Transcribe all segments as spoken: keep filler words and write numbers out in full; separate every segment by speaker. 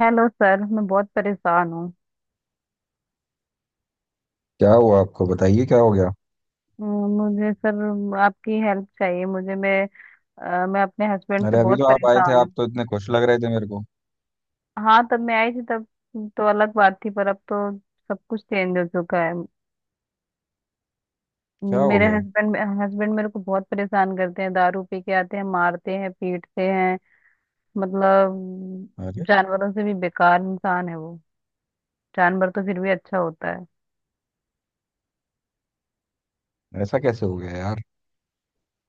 Speaker 1: Hello sir, मैं बहुत परेशान हूँ।
Speaker 2: क्या हुआ आपको बताइए क्या हो गया।
Speaker 1: अ, मुझे सर आपकी हेल्प चाहिए। मुझे मैं अ, मैं अपने हस्बैंड से
Speaker 2: अरे अभी
Speaker 1: बहुत
Speaker 2: तो आप आए थे,
Speaker 1: परेशान
Speaker 2: आप
Speaker 1: हूँ।
Speaker 2: तो इतने खुश लग रहे थे मेरे को।
Speaker 1: हाँ, तब मैं आई थी तब तो अलग बात थी, पर अब तो सब कुछ चेंज हो चुका है।
Speaker 2: क्या हो
Speaker 1: मेरे
Speaker 2: गया।
Speaker 1: हस्बैंड हस्बैंड मेरे को बहुत परेशान करते हैं। दारू पी के आते हैं, मारते हैं, पीटते हैं। मतलब,
Speaker 2: अरे,
Speaker 1: जानवरों से भी बेकार इंसान है वो। जानवर तो फिर भी अच्छा होता है।
Speaker 2: ऐसा कैसे हो गया यार।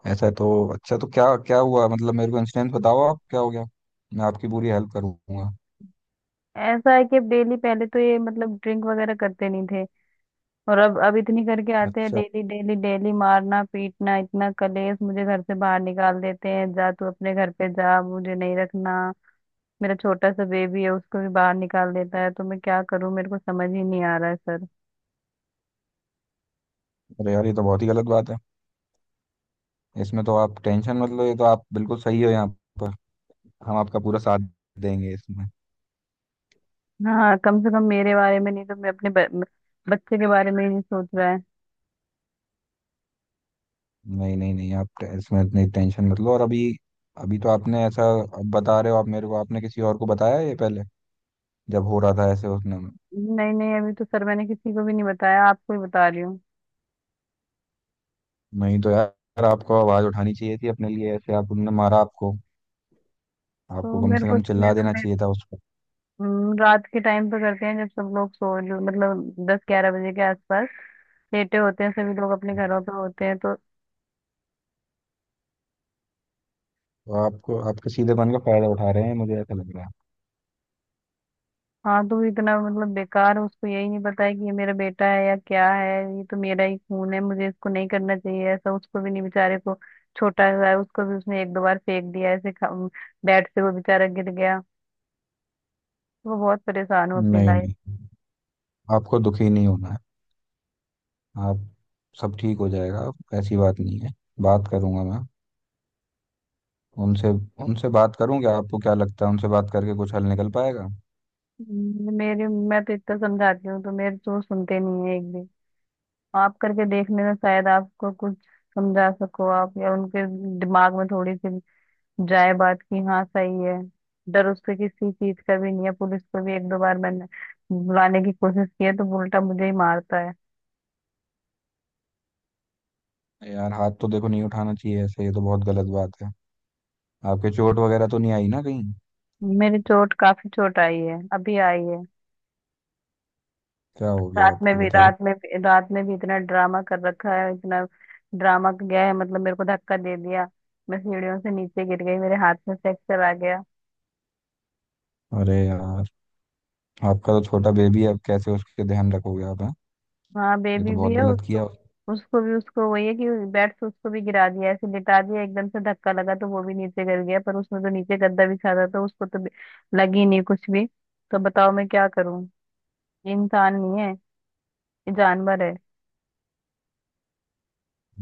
Speaker 2: ऐसा तो अच्छा, तो क्या क्या हुआ, मतलब मेरे को इंसिडेंट बताओ आप, क्या हो गया। मैं आपकी पूरी हेल्प करूंगा।
Speaker 1: ऐसा है कि डेली, पहले तो ये मतलब ड्रिंक वगैरह करते नहीं, और अब अब इतनी करके आते हैं।
Speaker 2: अच्छा।
Speaker 1: डेली डेली डेली मारना पीटना इतना कलेश, मुझे घर से बाहर निकाल देते हैं। जा तू अपने घर पे जा, मुझे नहीं रखना। मेरा छोटा सा बेबी है, उसको भी बाहर निकाल देता है। तो मैं क्या करूं? मेरे को समझ ही नहीं आ रहा है सर।
Speaker 2: अरे यार, ये तो बहुत ही गलत बात है। इसमें तो आप टेंशन मत लो, ये तो आप बिल्कुल सही हो यहाँ पर। हम आपका पूरा साथ देंगे इसमें।
Speaker 1: हाँ, कम से कम मेरे बारे में नहीं तो मैं अपने ब, बच्चे के बारे में ही नहीं सोच रहा है।
Speaker 2: नहीं नहीं नहीं, आप टे- इसमें इतनी टेंशन मत लो। और अभी अभी तो आपने ऐसा अब बता रहे हो आप मेरे को, आपने किसी और को बताया ये पहले जब हो रहा था ऐसे उसने?
Speaker 1: नहीं नहीं, अभी तो सर मैंने किसी को भी नहीं बताया, आपको ही बता रही हूँ।
Speaker 2: नहीं तो यार, आपको आवाज उठानी चाहिए थी अपने लिए, ऐसे आप उनने मारा आपको। आपको
Speaker 1: तो
Speaker 2: कम
Speaker 1: मेरे
Speaker 2: से
Speaker 1: को
Speaker 2: कम चिल्ला
Speaker 1: मेरे,
Speaker 2: देना
Speaker 1: मेरे,
Speaker 2: चाहिए था उस पर।
Speaker 1: हम्म, रात के टाइम पे करते हैं, जब सब लोग सो, मतलब दस ग्यारह बजे के आसपास लेटे होते हैं, सभी लोग अपने घरों पे होते हैं तो।
Speaker 2: तो आपको, आपके सीधेपन का फायदा उठा रहे हैं, मुझे ऐसा लग रहा है।
Speaker 1: हाँ, तो वो इतना मतलब बेकार, उसको यही नहीं पता है कि ये मेरा बेटा है या क्या है। ये तो मेरा ही खून है, मुझे इसको नहीं करना चाहिए ऐसा। उसको भी नहीं, बेचारे को छोटा हुआ है। उसको भी उसने एक दो बार फेंक दिया ऐसे। खा- बेड से वो बेचारा गिर गया। वो बहुत परेशान हूँ अपनी
Speaker 2: नहीं
Speaker 1: लाइफ।
Speaker 2: नहीं, आपको दुखी नहीं होना है आप। सब ठीक हो जाएगा, ऐसी बात नहीं है। बात करूंगा मैं उनसे। उनसे बात करूंगा। आपको क्या लगता है, उनसे बात करके कुछ हल निकल पाएगा?
Speaker 1: मेरे मैं तो इतना समझाती हूँ, तो मेरे तो वो सुनते नहीं है एक भी। आप करके देख लेना, शायद आपको कुछ समझा सको आप, या उनके दिमाग में थोड़ी सी जाए बात की। हाँ सही है। डर उससे किसी चीज का भी नहीं है। पुलिस को भी एक दो बार मैंने बुलाने की कोशिश की है, तो वो उल्टा मुझे ही मारता है।
Speaker 2: यार, हाथ तो देखो नहीं उठाना चाहिए ऐसे, ये तो बहुत गलत बात है। आपके चोट वगैरह तो नहीं आई ना कहीं?
Speaker 1: मेरी चोट, काफी चोट आई है, अभी आई है।
Speaker 2: क्या हो गया
Speaker 1: रात में
Speaker 2: आपको
Speaker 1: भी
Speaker 2: बताओ।
Speaker 1: रात में भी रात में भी इतना ड्रामा कर रखा है, इतना ड्रामा गया है। मतलब मेरे को धक्का दे दिया, मैं सीढ़ियों से नीचे गिर गई, मेरे हाथ में फ्रैक्चर आ गया।
Speaker 2: अरे यार। आपका तो छोटा बेबी है, अब कैसे उसके ध्यान रखोगे आप हैं।
Speaker 1: हाँ,
Speaker 2: ये
Speaker 1: बेबी
Speaker 2: तो
Speaker 1: भी
Speaker 2: बहुत
Speaker 1: है।
Speaker 2: गलत किया।
Speaker 1: उसको उसको भी, उसको वही है कि बेड से उसको भी गिरा दिया। ऐसे लिटा दिया, एकदम से धक्का लगा तो वो भी नीचे गिर गया। पर उसमें तो नीचे गद्दा बिछा था, तो उसको तो भी- लगी नहीं कुछ भी। तो बताओ मैं क्या करूं? ये इंसान नहीं है, ये जानवर है।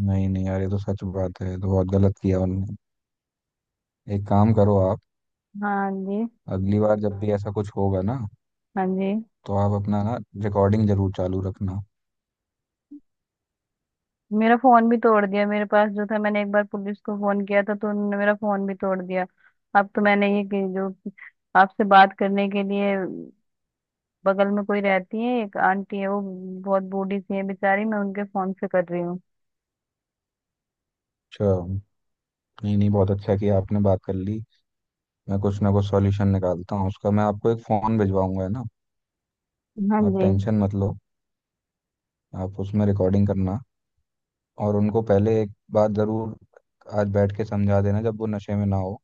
Speaker 2: नहीं नहीं यार, ये तो सच बात है, ये तो बहुत गलत किया उनने। एक काम करो आप,
Speaker 1: हाँ जी,
Speaker 2: अगली बार जब भी ऐसा कुछ होगा ना
Speaker 1: हाँ जी।
Speaker 2: तो आप अपना ना रिकॉर्डिंग जरूर चालू रखना।
Speaker 1: मेरा फोन भी तोड़ दिया। मेरे पास जो था, मैंने एक बार पुलिस को फोन किया था तो उन्होंने मेरा फोन भी तोड़ दिया। अब तो मैंने ये कि- जो आपसे बात करने के लिए, बगल में कोई रहती है, एक आंटी है, वो बहुत बूढ़ी सी है बेचारी, मैं उनके फोन से कर रही हूँ।
Speaker 2: अच्छा। नहीं नहीं, बहुत अच्छा किया आपने बात कर ली। मैं कुछ ना कुछ सॉल्यूशन निकालता हूँ उसका, मैं आपको एक फ़ोन भिजवाऊंगा, है ना?
Speaker 1: हाँ
Speaker 2: आप
Speaker 1: जी।
Speaker 2: टेंशन मत लो। आप उसमें रिकॉर्डिंग करना। और उनको पहले एक बात ज़रूर आज बैठ के समझा देना, जब वो नशे में ना हो,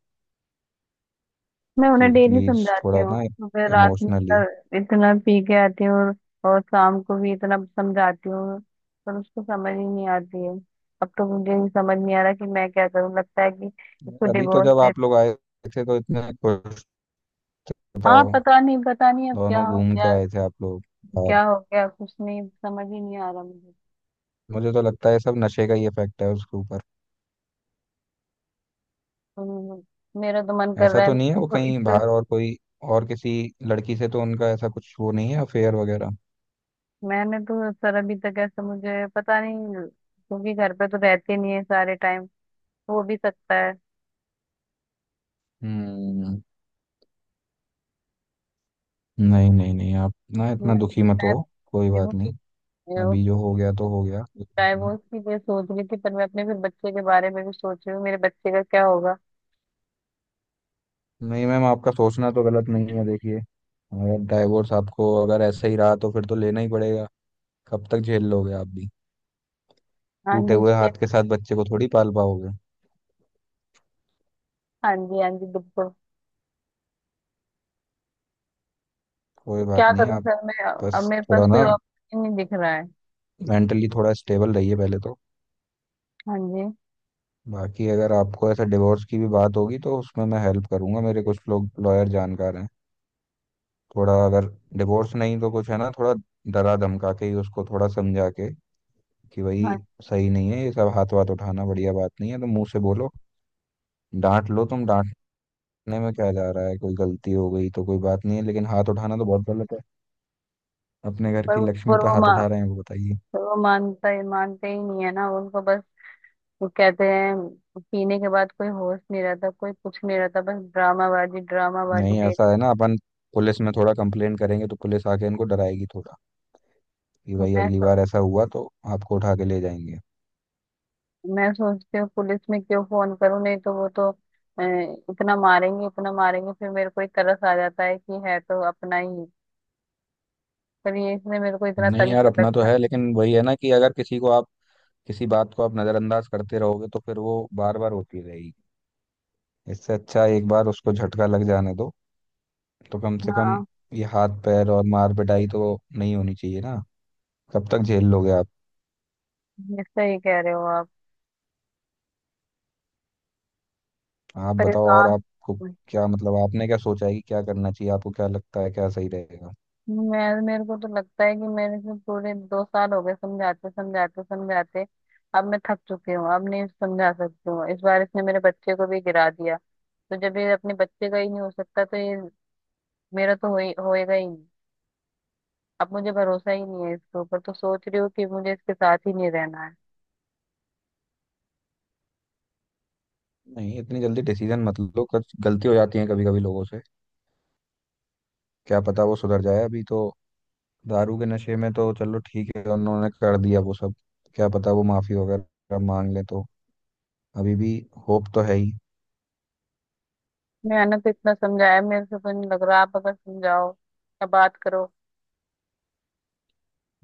Speaker 1: मैं
Speaker 2: कि
Speaker 1: उन्हें डेली
Speaker 2: प्लीज़
Speaker 1: समझाती
Speaker 2: थोड़ा ना
Speaker 1: हूँ, फिर रात में इतना
Speaker 2: इमोशनली।
Speaker 1: इतना पी के आती हूँ, और, और शाम को भी इतना समझाती हूँ पर उसको समझ ही नहीं आती है। अब तो मुझे ही समझ नहीं आ रहा कि मैं क्या करूँ। लगता है कि इसको
Speaker 2: अभी तो
Speaker 1: डिवोर्स
Speaker 2: जब
Speaker 1: दे।
Speaker 2: आप लोग आए थे तो इतने खुश,
Speaker 1: हाँ
Speaker 2: बताओ।
Speaker 1: पता नहीं, पता नहीं अब क्या
Speaker 2: दोनों
Speaker 1: हो
Speaker 2: घूम के
Speaker 1: गया।
Speaker 2: आए थे आप लोग बाहर।
Speaker 1: क्या हो गया, कुछ नहीं, समझ ही नहीं आ रहा मुझे।
Speaker 2: मुझे तो लगता है सब नशे का ही इफेक्ट है उसके ऊपर।
Speaker 1: तो मेरा तो मन कर
Speaker 2: ऐसा
Speaker 1: रहा है
Speaker 2: तो नहीं है वो
Speaker 1: इसको,
Speaker 2: कहीं
Speaker 1: इसको।
Speaker 2: बाहर और कोई, और किसी लड़की से तो उनका ऐसा कुछ वो नहीं है, अफेयर वगैरह?
Speaker 1: मैंने तो सर अभी तक ऐसा मुझे पता नहीं, क्योंकि घर पे तो रहते नहीं है सारे टाइम, तो हो भी सकता है।
Speaker 2: हम्म। नहीं नहीं नहीं, आप ना
Speaker 1: मैं
Speaker 2: इतना
Speaker 1: मैं
Speaker 2: दुखी मत हो,
Speaker 1: सोच
Speaker 2: कोई
Speaker 1: रही हूँ
Speaker 2: बात
Speaker 1: कि
Speaker 2: नहीं।
Speaker 1: अ,
Speaker 2: अभी जो
Speaker 1: उसको
Speaker 2: हो गया तो हो गया, कोई बात नहीं।
Speaker 1: डाइवोर्स की मैं सोच रही थी। पर मैं अपने फिर बच्चे के बारे में भी सोच रही हूँ, मेरे बच्चे का क्या होगा।
Speaker 2: नहीं मैम, आपका सोचना तो गलत नहीं है, देखिए अगर डाइवोर्स, आपको अगर ऐसा ही रहा तो फिर तो लेना ही पड़ेगा। कब तक झेल लोगे आप भी।
Speaker 1: हाँ
Speaker 2: टूटे
Speaker 1: जी
Speaker 2: हुए
Speaker 1: इसके।
Speaker 2: हाथ के साथ बच्चे को थोड़ी पाल पाओगे।
Speaker 1: हाँ जी, हाँ जी, बिल्कुल।
Speaker 2: कोई
Speaker 1: तो
Speaker 2: बात
Speaker 1: क्या
Speaker 2: नहीं,
Speaker 1: करूँ
Speaker 2: आप
Speaker 1: सर मैं? अब
Speaker 2: बस
Speaker 1: मेरे
Speaker 2: थोड़ा
Speaker 1: पास कोई
Speaker 2: ना
Speaker 1: ऑप्शन नहीं दिख रहा है।
Speaker 2: मेंटली थोड़ा स्टेबल रहिए पहले तो।
Speaker 1: हाँ जी।
Speaker 2: बाकी अगर आपको ऐसा डिवोर्स की भी बात होगी तो उसमें मैं हेल्प करूंगा, मेरे कुछ लोग लॉयर जानकार हैं। थोड़ा अगर डिवोर्स नहीं तो कुछ है ना, थोड़ा डरा धमका के ही उसको थोड़ा समझा के, कि भाई
Speaker 1: हाँ।
Speaker 2: सही नहीं है ये सब, हाथ वाथ उठाना बढ़िया बात नहीं है, तो मुंह से बोलो, डांट लो, तुम डांटने में क्या जा रहा है। कोई गलती हो गई तो कोई बात नहीं है, लेकिन हाथ उठाना तो बहुत गलत है। अपने घर
Speaker 1: पर
Speaker 2: की
Speaker 1: वो
Speaker 2: लक्ष्मी
Speaker 1: पर
Speaker 2: पे
Speaker 1: वो
Speaker 2: हाथ
Speaker 1: मा
Speaker 2: उठा रहे हैं वो, बताइए।
Speaker 1: पर वो मानता ही मानते ही नहीं है ना, उनको बस वो कहते हैं, पीने के बाद कोई होश नहीं रहता, कोई कुछ नहीं रहता, बस ड्रामाबाजी ड्रामाबाजी
Speaker 2: नहीं, ऐसा
Speaker 1: डेली।
Speaker 2: है ना अपन पुलिस में थोड़ा कंप्लेन करेंगे तो पुलिस आके इनको डराएगी थोड़ा, कि भाई
Speaker 1: मैं
Speaker 2: अगली
Speaker 1: सो,
Speaker 2: बार ऐसा हुआ तो आपको उठा के ले जाएंगे।
Speaker 1: मैं सोचती हूँ पुलिस में क्यों फोन करूँ, नहीं तो वो तो अ, इतना मारेंगे इतना मारेंगे। फिर मेरे को ही तरस आ जाता है कि है तो अपना ही, पर ये इसने मेरे को इतना
Speaker 2: नहीं
Speaker 1: तंग
Speaker 2: यार,
Speaker 1: कर
Speaker 2: अपना तो
Speaker 1: रखा है।
Speaker 2: है, लेकिन वही है ना कि अगर किसी को आप, किसी बात को आप नज़रअंदाज करते रहोगे तो फिर वो बार बार होती रहेगी। इससे अच्छा एक बार उसको झटका लग जाने दो, तो कम से कम
Speaker 1: हाँ,
Speaker 2: ये हाथ पैर और मार पिटाई तो नहीं होनी चाहिए ना। कब तक झेल लोगे आप।
Speaker 1: ये सही कह रहे हो आप।
Speaker 2: आप बताओ, और
Speaker 1: परेशान।
Speaker 2: आपको क्या मतलब, आपने क्या सोचा है कि क्या करना चाहिए, आपको क्या लगता है क्या सही रहेगा?
Speaker 1: मैं, मेरे को तो लगता है कि मेरे से पूरे दो साल हो गए समझाते समझाते समझाते। अब मैं थक चुकी हूँ, अब नहीं समझा सकती हूँ। इस बार इसने मेरे बच्चे को भी गिरा दिया, तो जब ये अपने बच्चे का ही नहीं हो सकता, तो ये मेरा तो हो ही होएगा ही नहीं। अब मुझे भरोसा ही नहीं है इसके ऊपर। तो सोच रही हूँ कि मुझे इसके साथ ही नहीं रहना है।
Speaker 2: नहीं, इतनी जल्दी डिसीजन मत लो, कुछ गलती हो जाती है कभी कभी लोगों से। क्या पता वो सुधर जाए, अभी तो दारू के नशे में तो चलो ठीक है उन्होंने कर दिया वो सब। क्या पता वो माफी वगैरह मांग ले तो, अभी भी होप तो है ही।
Speaker 1: मैंने तो इतना समझाया, मेरे से तो नहीं लग रहा। आप अगर समझाओ या बात करो,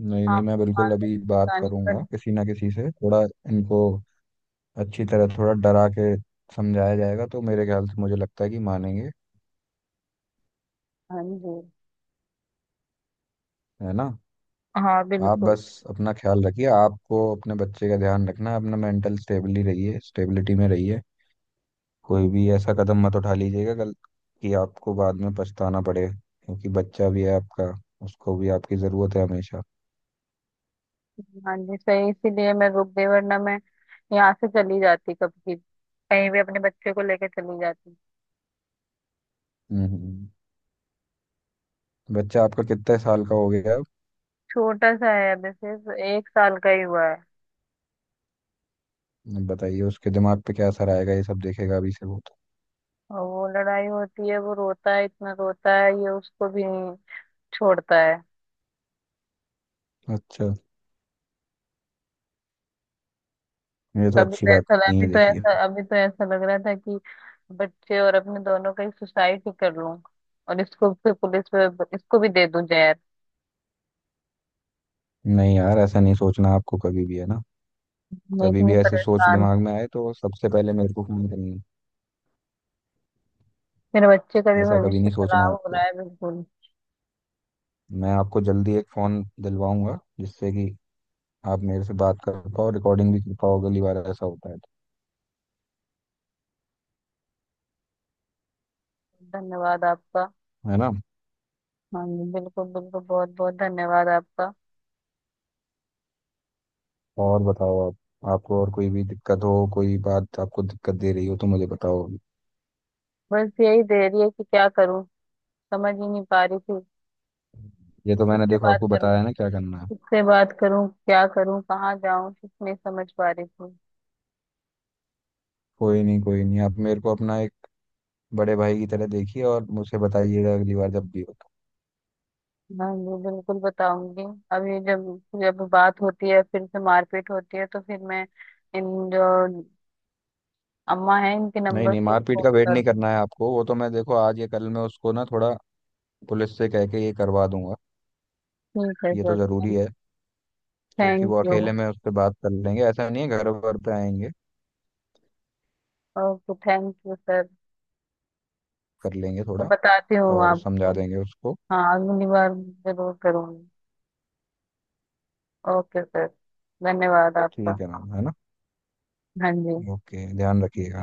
Speaker 2: नहीं नहीं,
Speaker 1: आप
Speaker 2: मैं
Speaker 1: मान
Speaker 2: बिल्कुल
Speaker 1: लें
Speaker 2: अभी
Speaker 1: तो
Speaker 2: बात
Speaker 1: बतानी पड़।
Speaker 2: करूंगा किसी ना किसी से, थोड़ा इनको अच्छी तरह थोड़ा डरा के समझाया जाएगा तो मेरे ख्याल से, मुझे लगता है कि मानेंगे,
Speaker 1: हाँ जी।
Speaker 2: है ना?
Speaker 1: हाँ
Speaker 2: आप
Speaker 1: बिल्कुल।
Speaker 2: बस अपना ख्याल रखिए, आपको अपने बच्चे का ध्यान रखना है, अपना मेंटल स्टेबली रहिए, स्टेबिलिटी में रहिए। कोई भी ऐसा कदम मत उठा लीजिएगा गल कि आपको बाद में पछताना पड़े, क्योंकि बच्चा भी है आपका, उसको भी आपकी ज़रूरत है हमेशा।
Speaker 1: हाँ जी सही, इसीलिए मैं रुक गई, वरना मैं यहाँ से चली जाती, कभी कहीं भी अपने बच्चे को लेके चली जाती।
Speaker 2: हम्म। बच्चा आपका कितने साल का हो गया अब?
Speaker 1: छोटा सा है, अभी सिर्फ एक साल का ही हुआ है।
Speaker 2: बताइए उसके दिमाग पे क्या असर आएगा, ये सब देखेगा अभी से वो
Speaker 1: और वो लड़ाई होती है, वो रोता है, इतना रोता है, ये उसको भी नहीं छोड़ता है।
Speaker 2: तो। अच्छा, ये तो
Speaker 1: कभी
Speaker 2: अच्छी
Speaker 1: तो
Speaker 2: बात
Speaker 1: ऐसा लगा-
Speaker 2: नहीं
Speaker 1: अभी
Speaker 2: है
Speaker 1: तो
Speaker 2: देखिए।
Speaker 1: ऐसा, अभी तो ऐसा लग रहा था कि बच्चे और अपने दोनों का ही सुसाइड ही कर लूं, और इसको फिर पुलिस पे, इसको भी दे दूं जहर।
Speaker 2: नहीं यार, ऐसा नहीं सोचना आपको कभी भी, है ना?
Speaker 1: मैं
Speaker 2: कभी
Speaker 1: इतनी
Speaker 2: भी ऐसी सोच
Speaker 1: परेशान हूँ।
Speaker 2: दिमाग में आए तो सबसे पहले मेरे को फोन करनी
Speaker 1: मेरे बच्चे का
Speaker 2: है,
Speaker 1: भी
Speaker 2: ऐसा कभी
Speaker 1: भविष्य
Speaker 2: नहीं सोचना
Speaker 1: खराब हो
Speaker 2: आपको।
Speaker 1: रहा है बिल्कुल।
Speaker 2: मैं आपको जल्दी एक फोन दिलवाऊंगा जिससे कि आप मेरे से बात कर पाओ, रिकॉर्डिंग भी कर पाओ अगली बार ऐसा होता है तो,
Speaker 1: धन्यवाद आपका।
Speaker 2: है ना?
Speaker 1: हाँ जी बिल्कुल बिल्कुल, बहुत बहुत धन्यवाद आपका।
Speaker 2: और बताओ आप, आपको और कोई भी दिक्कत हो, कोई बात आपको दिक्कत दे रही हो तो मुझे बताओ।
Speaker 1: बस यही दे रही है कि क्या करूं, समझ ही नहीं पा रही थी।
Speaker 2: ये तो मैंने
Speaker 1: किससे
Speaker 2: देखो
Speaker 1: बात
Speaker 2: आपको
Speaker 1: करूं,
Speaker 2: बताया ना क्या करना है।
Speaker 1: किससे बात करूं, क्या करूं, कहाँ जाऊं, कुछ नहीं समझ पा रही थी।
Speaker 2: कोई नहीं कोई नहीं, आप मेरे को अपना एक बड़े भाई की तरह देखिए और मुझे बताइएगा अगली बार जब भी हो तो।
Speaker 1: हाँ जी बिल्कुल, बताऊंगी। अभी जब जब बात होती है, फिर से मारपीट होती है, तो फिर मैं इन, जो अम्मा है, इनके
Speaker 2: नहीं
Speaker 1: नंबर
Speaker 2: नहीं,
Speaker 1: से ही
Speaker 2: मारपीट
Speaker 1: फोन
Speaker 2: का वेट
Speaker 1: कर।
Speaker 2: नहीं करना है आपको, वो तो मैं देखो आज या कल मैं उसको ना थोड़ा पुलिस से कह के ये करवा दूंगा।
Speaker 1: ठीक है
Speaker 2: ये तो ज़रूरी
Speaker 1: सर।
Speaker 2: है, क्योंकि
Speaker 1: थैंक
Speaker 2: वो
Speaker 1: यू।
Speaker 2: अकेले में उस पर बात कर लेंगे, ऐसा नहीं है घर वर पे आएंगे।
Speaker 1: Okay thank you sir.
Speaker 2: कर लेंगे
Speaker 1: मैं
Speaker 2: थोड़ा
Speaker 1: बताती हूँ
Speaker 2: और समझा
Speaker 1: आपको।
Speaker 2: देंगे उसको।
Speaker 1: हाँ अगली बार जरूर करूंगी। Okay sir. धन्यवाद आपका।
Speaker 2: ठीक है मैम, है ना?
Speaker 1: हाँ जी।
Speaker 2: ओके, ध्यान रखिएगा।